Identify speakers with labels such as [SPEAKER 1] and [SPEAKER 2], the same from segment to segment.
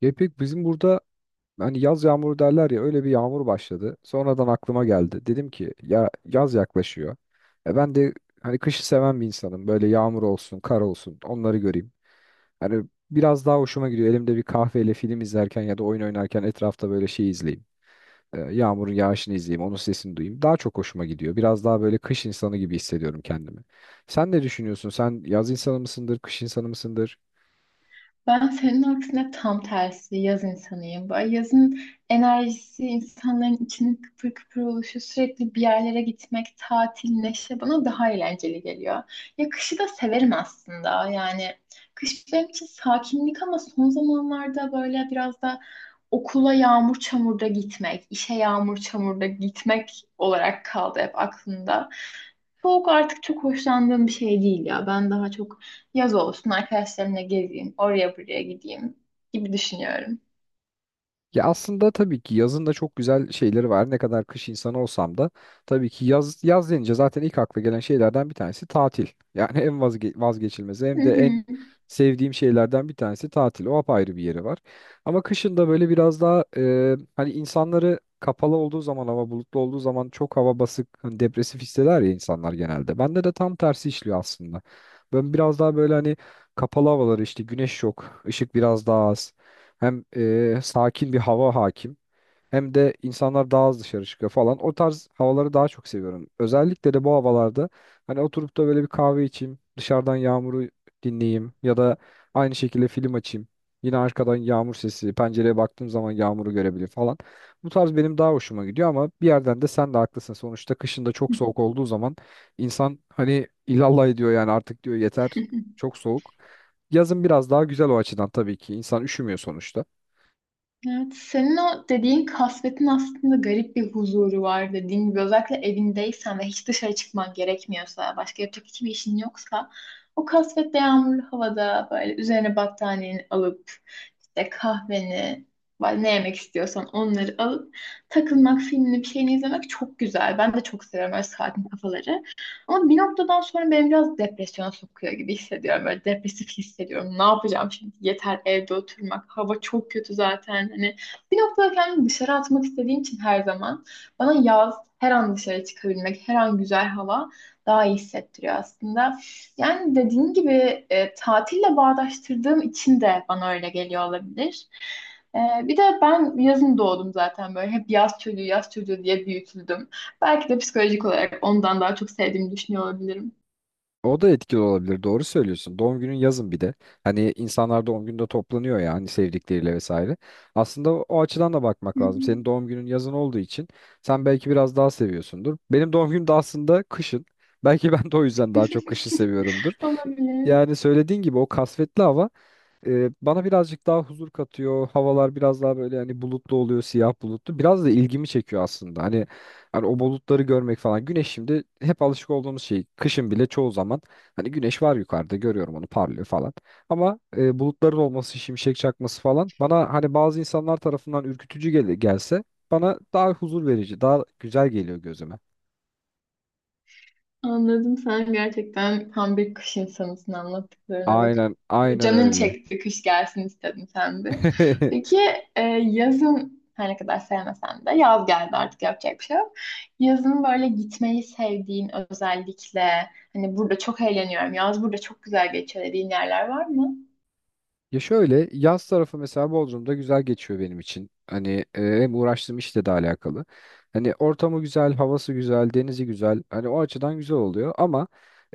[SPEAKER 1] Ya İpek bizim burada hani yaz yağmuru derler ya öyle bir yağmur başladı. Sonradan aklıma geldi. Dedim ki ya yaz yaklaşıyor. E ben de hani kışı seven bir insanım. Böyle yağmur olsun, kar olsun onları göreyim. Hani biraz daha hoşuma gidiyor. Elimde bir kahveyle film izlerken ya da oyun oynarken etrafta böyle şey izleyeyim. Yağmurun yağışını izleyeyim, onun sesini duyayım. Daha çok hoşuma gidiyor. Biraz daha böyle kış insanı gibi hissediyorum kendimi. Sen ne düşünüyorsun? Sen yaz insanı mısındır, kış insanı mısındır?
[SPEAKER 2] Ben senin aksine tam tersi yaz insanıyım. Böyle yazın enerjisi, insanların içinin kıpır kıpır oluşu, sürekli bir yerlere gitmek, tatil, neşe bana daha eğlenceli geliyor. Ya kışı da severim aslında. Yani kış benim için sakinlik ama son zamanlarda böyle biraz da okula yağmur çamurda gitmek, işe yağmur çamurda gitmek olarak kaldı hep aklımda. Soğuk artık çok hoşlandığım bir şey değil ya. Ben daha çok yaz olsun, arkadaşlarımla gezeyim, oraya buraya gideyim gibi düşünüyorum.
[SPEAKER 1] Ya aslında tabii ki yazın da çok güzel şeyleri var. Ne kadar kış insanı olsam da tabii ki yaz yaz denince zaten ilk akla gelen şeylerden bir tanesi tatil. Yani en vazgeçilmezi
[SPEAKER 2] Hı
[SPEAKER 1] hem de en
[SPEAKER 2] hı.
[SPEAKER 1] sevdiğim şeylerden bir tanesi tatil. O apayrı bir yeri var. Ama kışın da böyle biraz daha hani insanları kapalı olduğu zaman hava bulutlu olduğu zaman çok hava basık, hani depresif hisseder ya insanlar genelde. Bende de tam tersi işliyor aslında. Ben biraz daha böyle hani kapalı havaları işte güneş yok, ışık biraz daha az. Hem sakin bir hava hakim hem de insanlar daha az dışarı çıkıyor falan. O tarz havaları daha çok seviyorum. Özellikle de bu havalarda hani oturup da böyle bir kahve içeyim, dışarıdan yağmuru dinleyeyim ya da aynı şekilde film açayım. Yine arkadan yağmur sesi, pencereye baktığım zaman yağmuru görebilir falan. Bu tarz benim daha hoşuma gidiyor ama bir yerden de sen de haklısın. Sonuçta kışın da çok soğuk olduğu zaman insan hani ilallah ediyor yani artık diyor yeter çok soğuk. Yazın biraz daha güzel o açıdan tabii ki. İnsan üşümüyor sonuçta.
[SPEAKER 2] Evet, senin o dediğin kasvetin aslında garip bir huzuru var, dediğin gibi özellikle evindeysen ve hiç dışarı çıkman gerekmiyorsa, başka yapacak hiçbir işin yoksa o kasvetli yağmurlu havada böyle üzerine battaniyeni alıp işte kahveni, böyle ne yemek istiyorsan onları alıp takılmak, filmini bir şeyini izlemek çok güzel. Ben de çok seviyorum öyle sakin kafaları. Ama bir noktadan sonra beni biraz depresyona sokuyor gibi hissediyorum. Böyle depresif hissediyorum. Ne yapacağım şimdi? Yeter evde oturmak. Hava çok kötü zaten. Hani bir noktada kendimi dışarı atmak istediğim için her zaman bana yaz, her an dışarı çıkabilmek, her an güzel hava daha iyi hissettiriyor aslında. Yani dediğin gibi tatille bağdaştırdığım için de bana öyle geliyor olabilir. E, Bir de ben yazın doğdum zaten böyle. Hep yaz çocuğu, yaz çocuğu diye büyütüldüm. Belki de psikolojik olarak ondan daha çok sevdiğimi düşünüyor olabilirim.
[SPEAKER 1] O da etkili olabilir. Doğru söylüyorsun. Doğum günün yazın bir de. Hani insanlar doğum günde toplanıyor ya hani sevdikleriyle vesaire. Aslında o açıdan da
[SPEAKER 2] Hı
[SPEAKER 1] bakmak lazım.
[SPEAKER 2] hı.
[SPEAKER 1] Senin doğum günün yazın olduğu için sen belki biraz daha seviyorsundur. Benim doğum günüm de aslında kışın. Belki ben de o yüzden daha çok kışı seviyorumdur.
[SPEAKER 2] Olabilir.
[SPEAKER 1] Yani söylediğin gibi o kasvetli hava bana birazcık daha huzur katıyor. Havalar biraz daha böyle hani bulutlu oluyor, siyah bulutlu. Biraz da ilgimi çekiyor aslında. Hani o bulutları görmek falan. Güneş şimdi hep alışık olduğumuz şey. Kışın bile çoğu zaman hani güneş var yukarıda görüyorum onu parlıyor falan. Ama bulutların olması, şimşek çakması falan bana hani bazı insanlar tarafından ürkütücü gelse bana daha huzur verici, daha güzel geliyor gözüme.
[SPEAKER 2] Anladım. Sen gerçekten tam bir kış insanısın, anlattıklarına bak.
[SPEAKER 1] Aynen,
[SPEAKER 2] Bu
[SPEAKER 1] aynen
[SPEAKER 2] canın
[SPEAKER 1] öyle.
[SPEAKER 2] çekti, kış gelsin istedin sen de. Peki, yazın her ne kadar sevmesen de yaz geldi, artık yapacak bir şey yok. Yazın böyle gitmeyi sevdiğin, özellikle hani burada çok eğleniyorum, yaz burada çok güzel geçiyor dediğin yerler var mı?
[SPEAKER 1] Ya şöyle yaz tarafı mesela Bodrum'da güzel geçiyor benim için. Hani hem uğraştığım işle de alakalı. Hani ortamı güzel, havası güzel, denizi güzel. Hani o açıdan güzel oluyor ama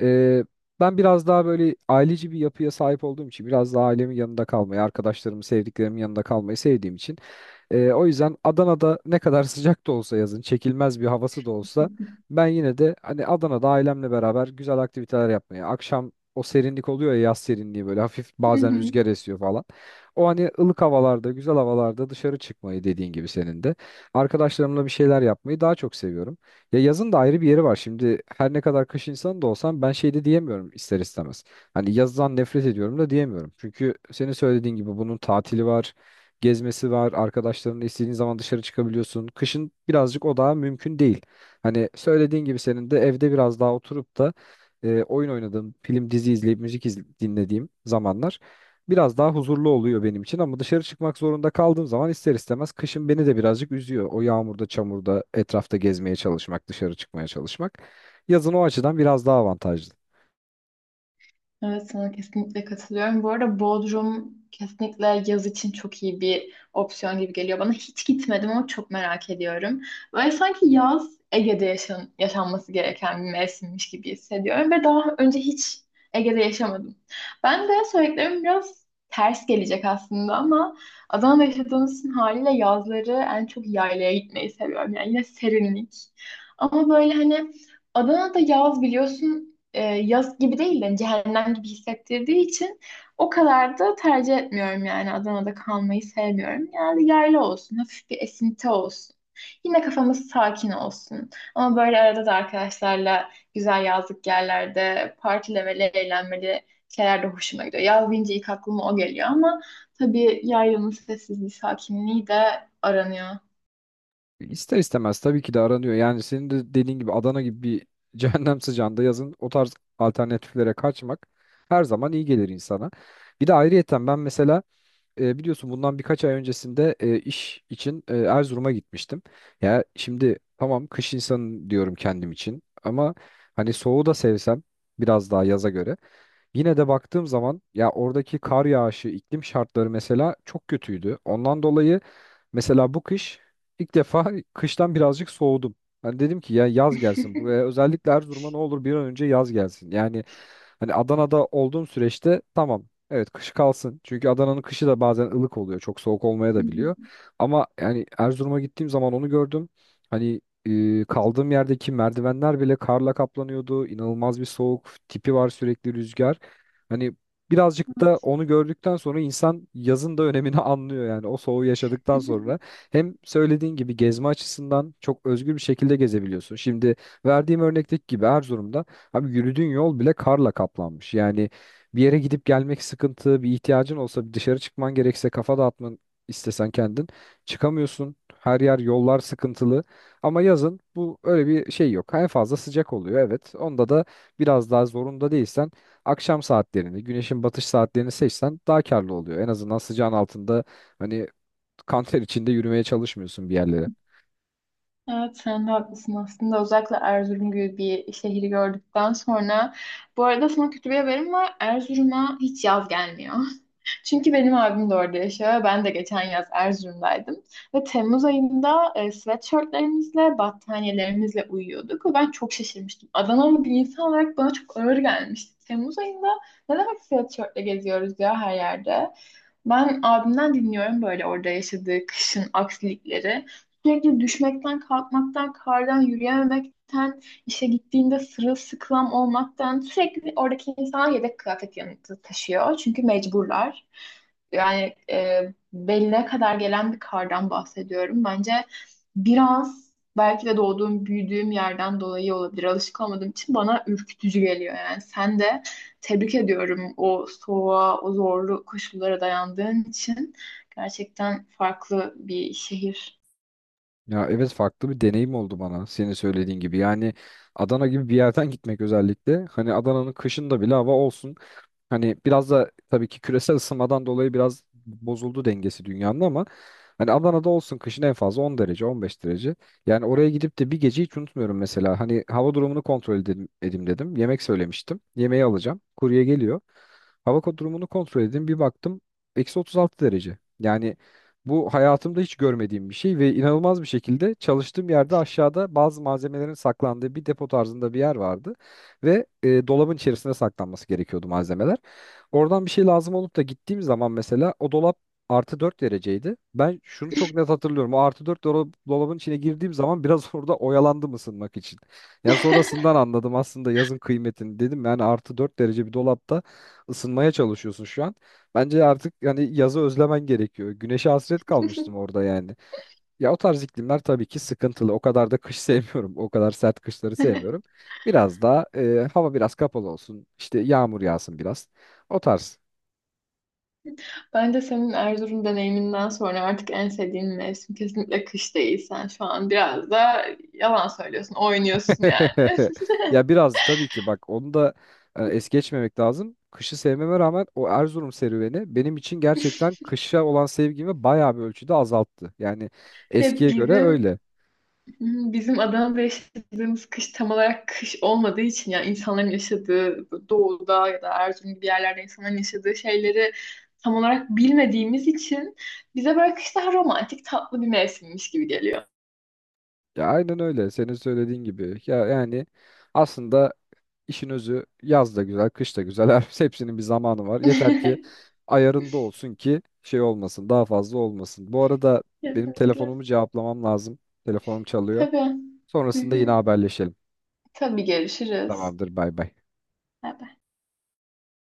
[SPEAKER 1] e, ben biraz daha böyle aileci bir yapıya sahip olduğum için biraz daha ailemin yanında kalmayı, arkadaşlarımın, sevdiklerimin yanında kalmayı sevdiğim için o yüzden Adana'da ne kadar sıcak da olsa yazın, çekilmez bir havası da olsa ben yine de hani Adana'da ailemle beraber güzel aktiviteler yapmaya, akşam o serinlik oluyor ya yaz serinliği böyle hafif bazen rüzgar esiyor falan. O hani ılık havalarda, güzel havalarda dışarı çıkmayı dediğin gibi senin de. Arkadaşlarımla bir şeyler yapmayı daha çok seviyorum. Ya yazın da ayrı bir yeri var. Şimdi her ne kadar kış insanı da olsam ben şey de diyemiyorum ister istemez. Hani yazdan nefret ediyorum da diyemiyorum. Çünkü senin söylediğin gibi bunun tatili var gezmesi var. Arkadaşlarınla istediğin zaman dışarı çıkabiliyorsun. Kışın birazcık o daha mümkün değil. Hani söylediğin gibi senin de evde biraz daha oturup da oyun oynadığım, film dizi izleyip müzik dinlediğim zamanlar biraz daha huzurlu oluyor benim için ama dışarı çıkmak zorunda kaldığım zaman ister istemez kışın beni de birazcık üzüyor. O yağmurda, çamurda, etrafta gezmeye çalışmak, dışarı çıkmaya çalışmak. Yazın o açıdan biraz daha avantajlı.
[SPEAKER 2] Evet, sana kesinlikle katılıyorum. Bu arada Bodrum kesinlikle yaz için çok iyi bir opsiyon gibi geliyor bana. Hiç gitmedim ama çok merak ediyorum. Böyle sanki yaz Ege'de yaşanması gereken bir mevsimmiş gibi hissediyorum ve daha önce hiç Ege'de yaşamadım. Ben de söylediklerim biraz ters gelecek aslında ama Adana'da yaşadığımız için haliyle yazları en çok yaylaya gitmeyi seviyorum. Yani yine serinlik. Ama böyle hani Adana'da yaz biliyorsun, yaz gibi değil de hani cehennem gibi hissettirdiği için o kadar da tercih etmiyorum yani. Adana'da kalmayı sevmiyorum. Yani yayla olsun, hafif bir esinti olsun. Yine kafamız sakin olsun. Ama böyle arada da arkadaşlarla güzel yazlık yerlerde partilemeli, eğlenmeli şeyler de hoşuma gidiyor. Yaz deyince ilk aklıma o geliyor ama tabii yaylanın sessizliği, sakinliği de aranıyor.
[SPEAKER 1] İster istemez tabii ki de aranıyor. Yani senin de dediğin gibi Adana gibi bir cehennem sıcağında yazın o tarz alternatiflere kaçmak her zaman iyi gelir insana. Bir de ayrıyeten ben mesela biliyorsun bundan birkaç ay öncesinde iş için Erzurum'a gitmiştim. Ya şimdi tamam kış insanı diyorum kendim için ama hani soğuğu da sevsem biraz daha yaza göre. Yine de baktığım zaman ya oradaki kar yağışı, iklim şartları mesela çok kötüydü. Ondan dolayı mesela bu kış ilk defa kıştan birazcık soğudum. Hani dedim ki ya yaz gelsin buraya özellikle Erzurum'a ne olur bir an önce yaz gelsin. Yani hani Adana'da olduğum süreçte tamam, evet, kış kalsın. Çünkü Adana'nın kışı da bazen ılık oluyor. Çok soğuk olmaya da biliyor. Ama yani Erzurum'a gittiğim zaman onu gördüm. Hani kaldığım yerdeki merdivenler bile karla kaplanıyordu. İnanılmaz bir soğuk tipi var sürekli rüzgar. Hani birazcık da onu gördükten sonra insan yazın da önemini anlıyor yani o soğuğu yaşadıktan sonra. Hem söylediğin gibi gezme açısından çok özgür bir şekilde gezebiliyorsun. Şimdi verdiğim örnekteki gibi Erzurum'da abi yürüdüğün yol bile karla kaplanmış. Yani bir yere gidip gelmek sıkıntı, bir ihtiyacın olsa bir dışarı çıkman gerekse kafa dağıtman istesen kendin çıkamıyorsun. Her yer yollar sıkıntılı ama yazın bu öyle bir şey yok. En fazla sıcak oluyor evet. Onda da biraz daha zorunda değilsen akşam saatlerini, güneşin batış saatlerini seçsen daha karlı oluyor. En azından sıcağın altında hani kanter içinde yürümeye çalışmıyorsun bir yerlere.
[SPEAKER 2] Evet, sen de haklısın aslında. Özellikle Erzurum gibi bir şehri gördükten sonra. Bu arada sana kötü bir haberim var. Erzurum'a hiç yaz gelmiyor. Çünkü benim abim de orada yaşıyor. Ve ben de geçen yaz Erzurum'daydım. Ve Temmuz ayında sweatshirtlerimizle, battaniyelerimizle uyuyorduk. Ve ben çok şaşırmıştım. Adanalı bir insan olarak bana çok ağır gelmişti. Temmuz ayında ne demek sweatshirtle geziyoruz ya her yerde. Ben abimden dinliyorum böyle orada yaşadığı kışın aksilikleri. Sürekli düşmekten, kalkmaktan, kardan yürüyememekten, işe gittiğinde sırılsıklam olmaktan sürekli. Oradaki insanlar yedek kıyafet yanında taşıyor. Çünkü mecburlar. Yani beline kadar gelen bir kardan bahsediyorum. Bence biraz belki de doğduğum, büyüdüğüm yerden dolayı olabilir. Alışık olmadığım için bana ürkütücü geliyor yani. Sen de tebrik ediyorum o soğuğa, o zorlu koşullara dayandığın için. Gerçekten farklı bir şehir.
[SPEAKER 1] Ya evet farklı bir deneyim oldu bana senin söylediğin gibi. Yani Adana gibi bir yerden gitmek özellikle. Hani Adana'nın kışında bile hava olsun. Hani biraz da tabii ki küresel ısınmadan dolayı biraz bozuldu dengesi dünyanın ama hani Adana'da olsun kışın en fazla 10 derece 15 derece. Yani oraya gidip de bir gece hiç unutmuyorum mesela. Hani hava durumunu kontrol edelim, edeyim dedim. Yemek söylemiştim. Yemeği alacağım. Kurye geliyor. Hava durumunu kontrol edeyim. Bir baktım -36 derece. Yani bu hayatımda hiç görmediğim bir şey ve inanılmaz bir şekilde çalıştığım yerde aşağıda bazı malzemelerin saklandığı bir depo tarzında bir yer vardı. Ve dolabın içerisine saklanması gerekiyordu malzemeler. Oradan bir şey lazım olup da gittiğim zaman mesela o dolap +4 dereceydi. Ben şunu çok net hatırlıyorum. O +4 dolabın içine girdiğim zaman biraz orada oyalandım ısınmak için. Yani sonrasından anladım aslında yazın kıymetini dedim. Yani +4 derece bir dolapta ısınmaya çalışıyorsun şu an. Bence artık yani yazı özlemen gerekiyor. Güneşe hasret kalmıştım orada yani. Ya o tarz iklimler tabii ki sıkıntılı. O kadar da kış sevmiyorum. O kadar sert kışları sevmiyorum. Biraz daha hava biraz kapalı olsun. İşte yağmur yağsın biraz. O tarz.
[SPEAKER 2] Ben de senin Erzurum deneyiminden sonra artık en sevdiğin mevsim kesinlikle kış değil. Sen şu an biraz da yalan söylüyorsun, oynuyorsun yani.
[SPEAKER 1] Ya biraz tabii ki bak onu da es geçmemek lazım. Kışı sevmeme rağmen o Erzurum serüveni benim için gerçekten kışa olan sevgimi bayağı bir ölçüde azalttı. Yani
[SPEAKER 2] Ya
[SPEAKER 1] eskiye göre
[SPEAKER 2] bizim
[SPEAKER 1] öyle.
[SPEAKER 2] Bizim Adana'da yaşadığımız kış tam olarak kış olmadığı için, yani insanların yaşadığı doğuda ya da Erzurum gibi yerlerde insanların yaşadığı şeyleri tam olarak bilmediğimiz için bize böyle kış daha romantik, tatlı bir mevsimmiş gibi geliyor.
[SPEAKER 1] Ya aynen öyle. Senin söylediğin gibi. Ya yani aslında işin özü yaz da güzel, kış da güzel. Her hepsinin bir zamanı var. Yeter ki ayarında olsun ki şey olmasın, daha fazla olmasın. Bu arada benim
[SPEAKER 2] Kesinlikle.
[SPEAKER 1] telefonumu cevaplamam lazım. Telefonum çalıyor.
[SPEAKER 2] Tabii. Hı
[SPEAKER 1] Sonrasında yine
[SPEAKER 2] hı.
[SPEAKER 1] haberleşelim.
[SPEAKER 2] Tabii, görüşürüz.
[SPEAKER 1] Tamamdır, bay bay.
[SPEAKER 2] Bay bay.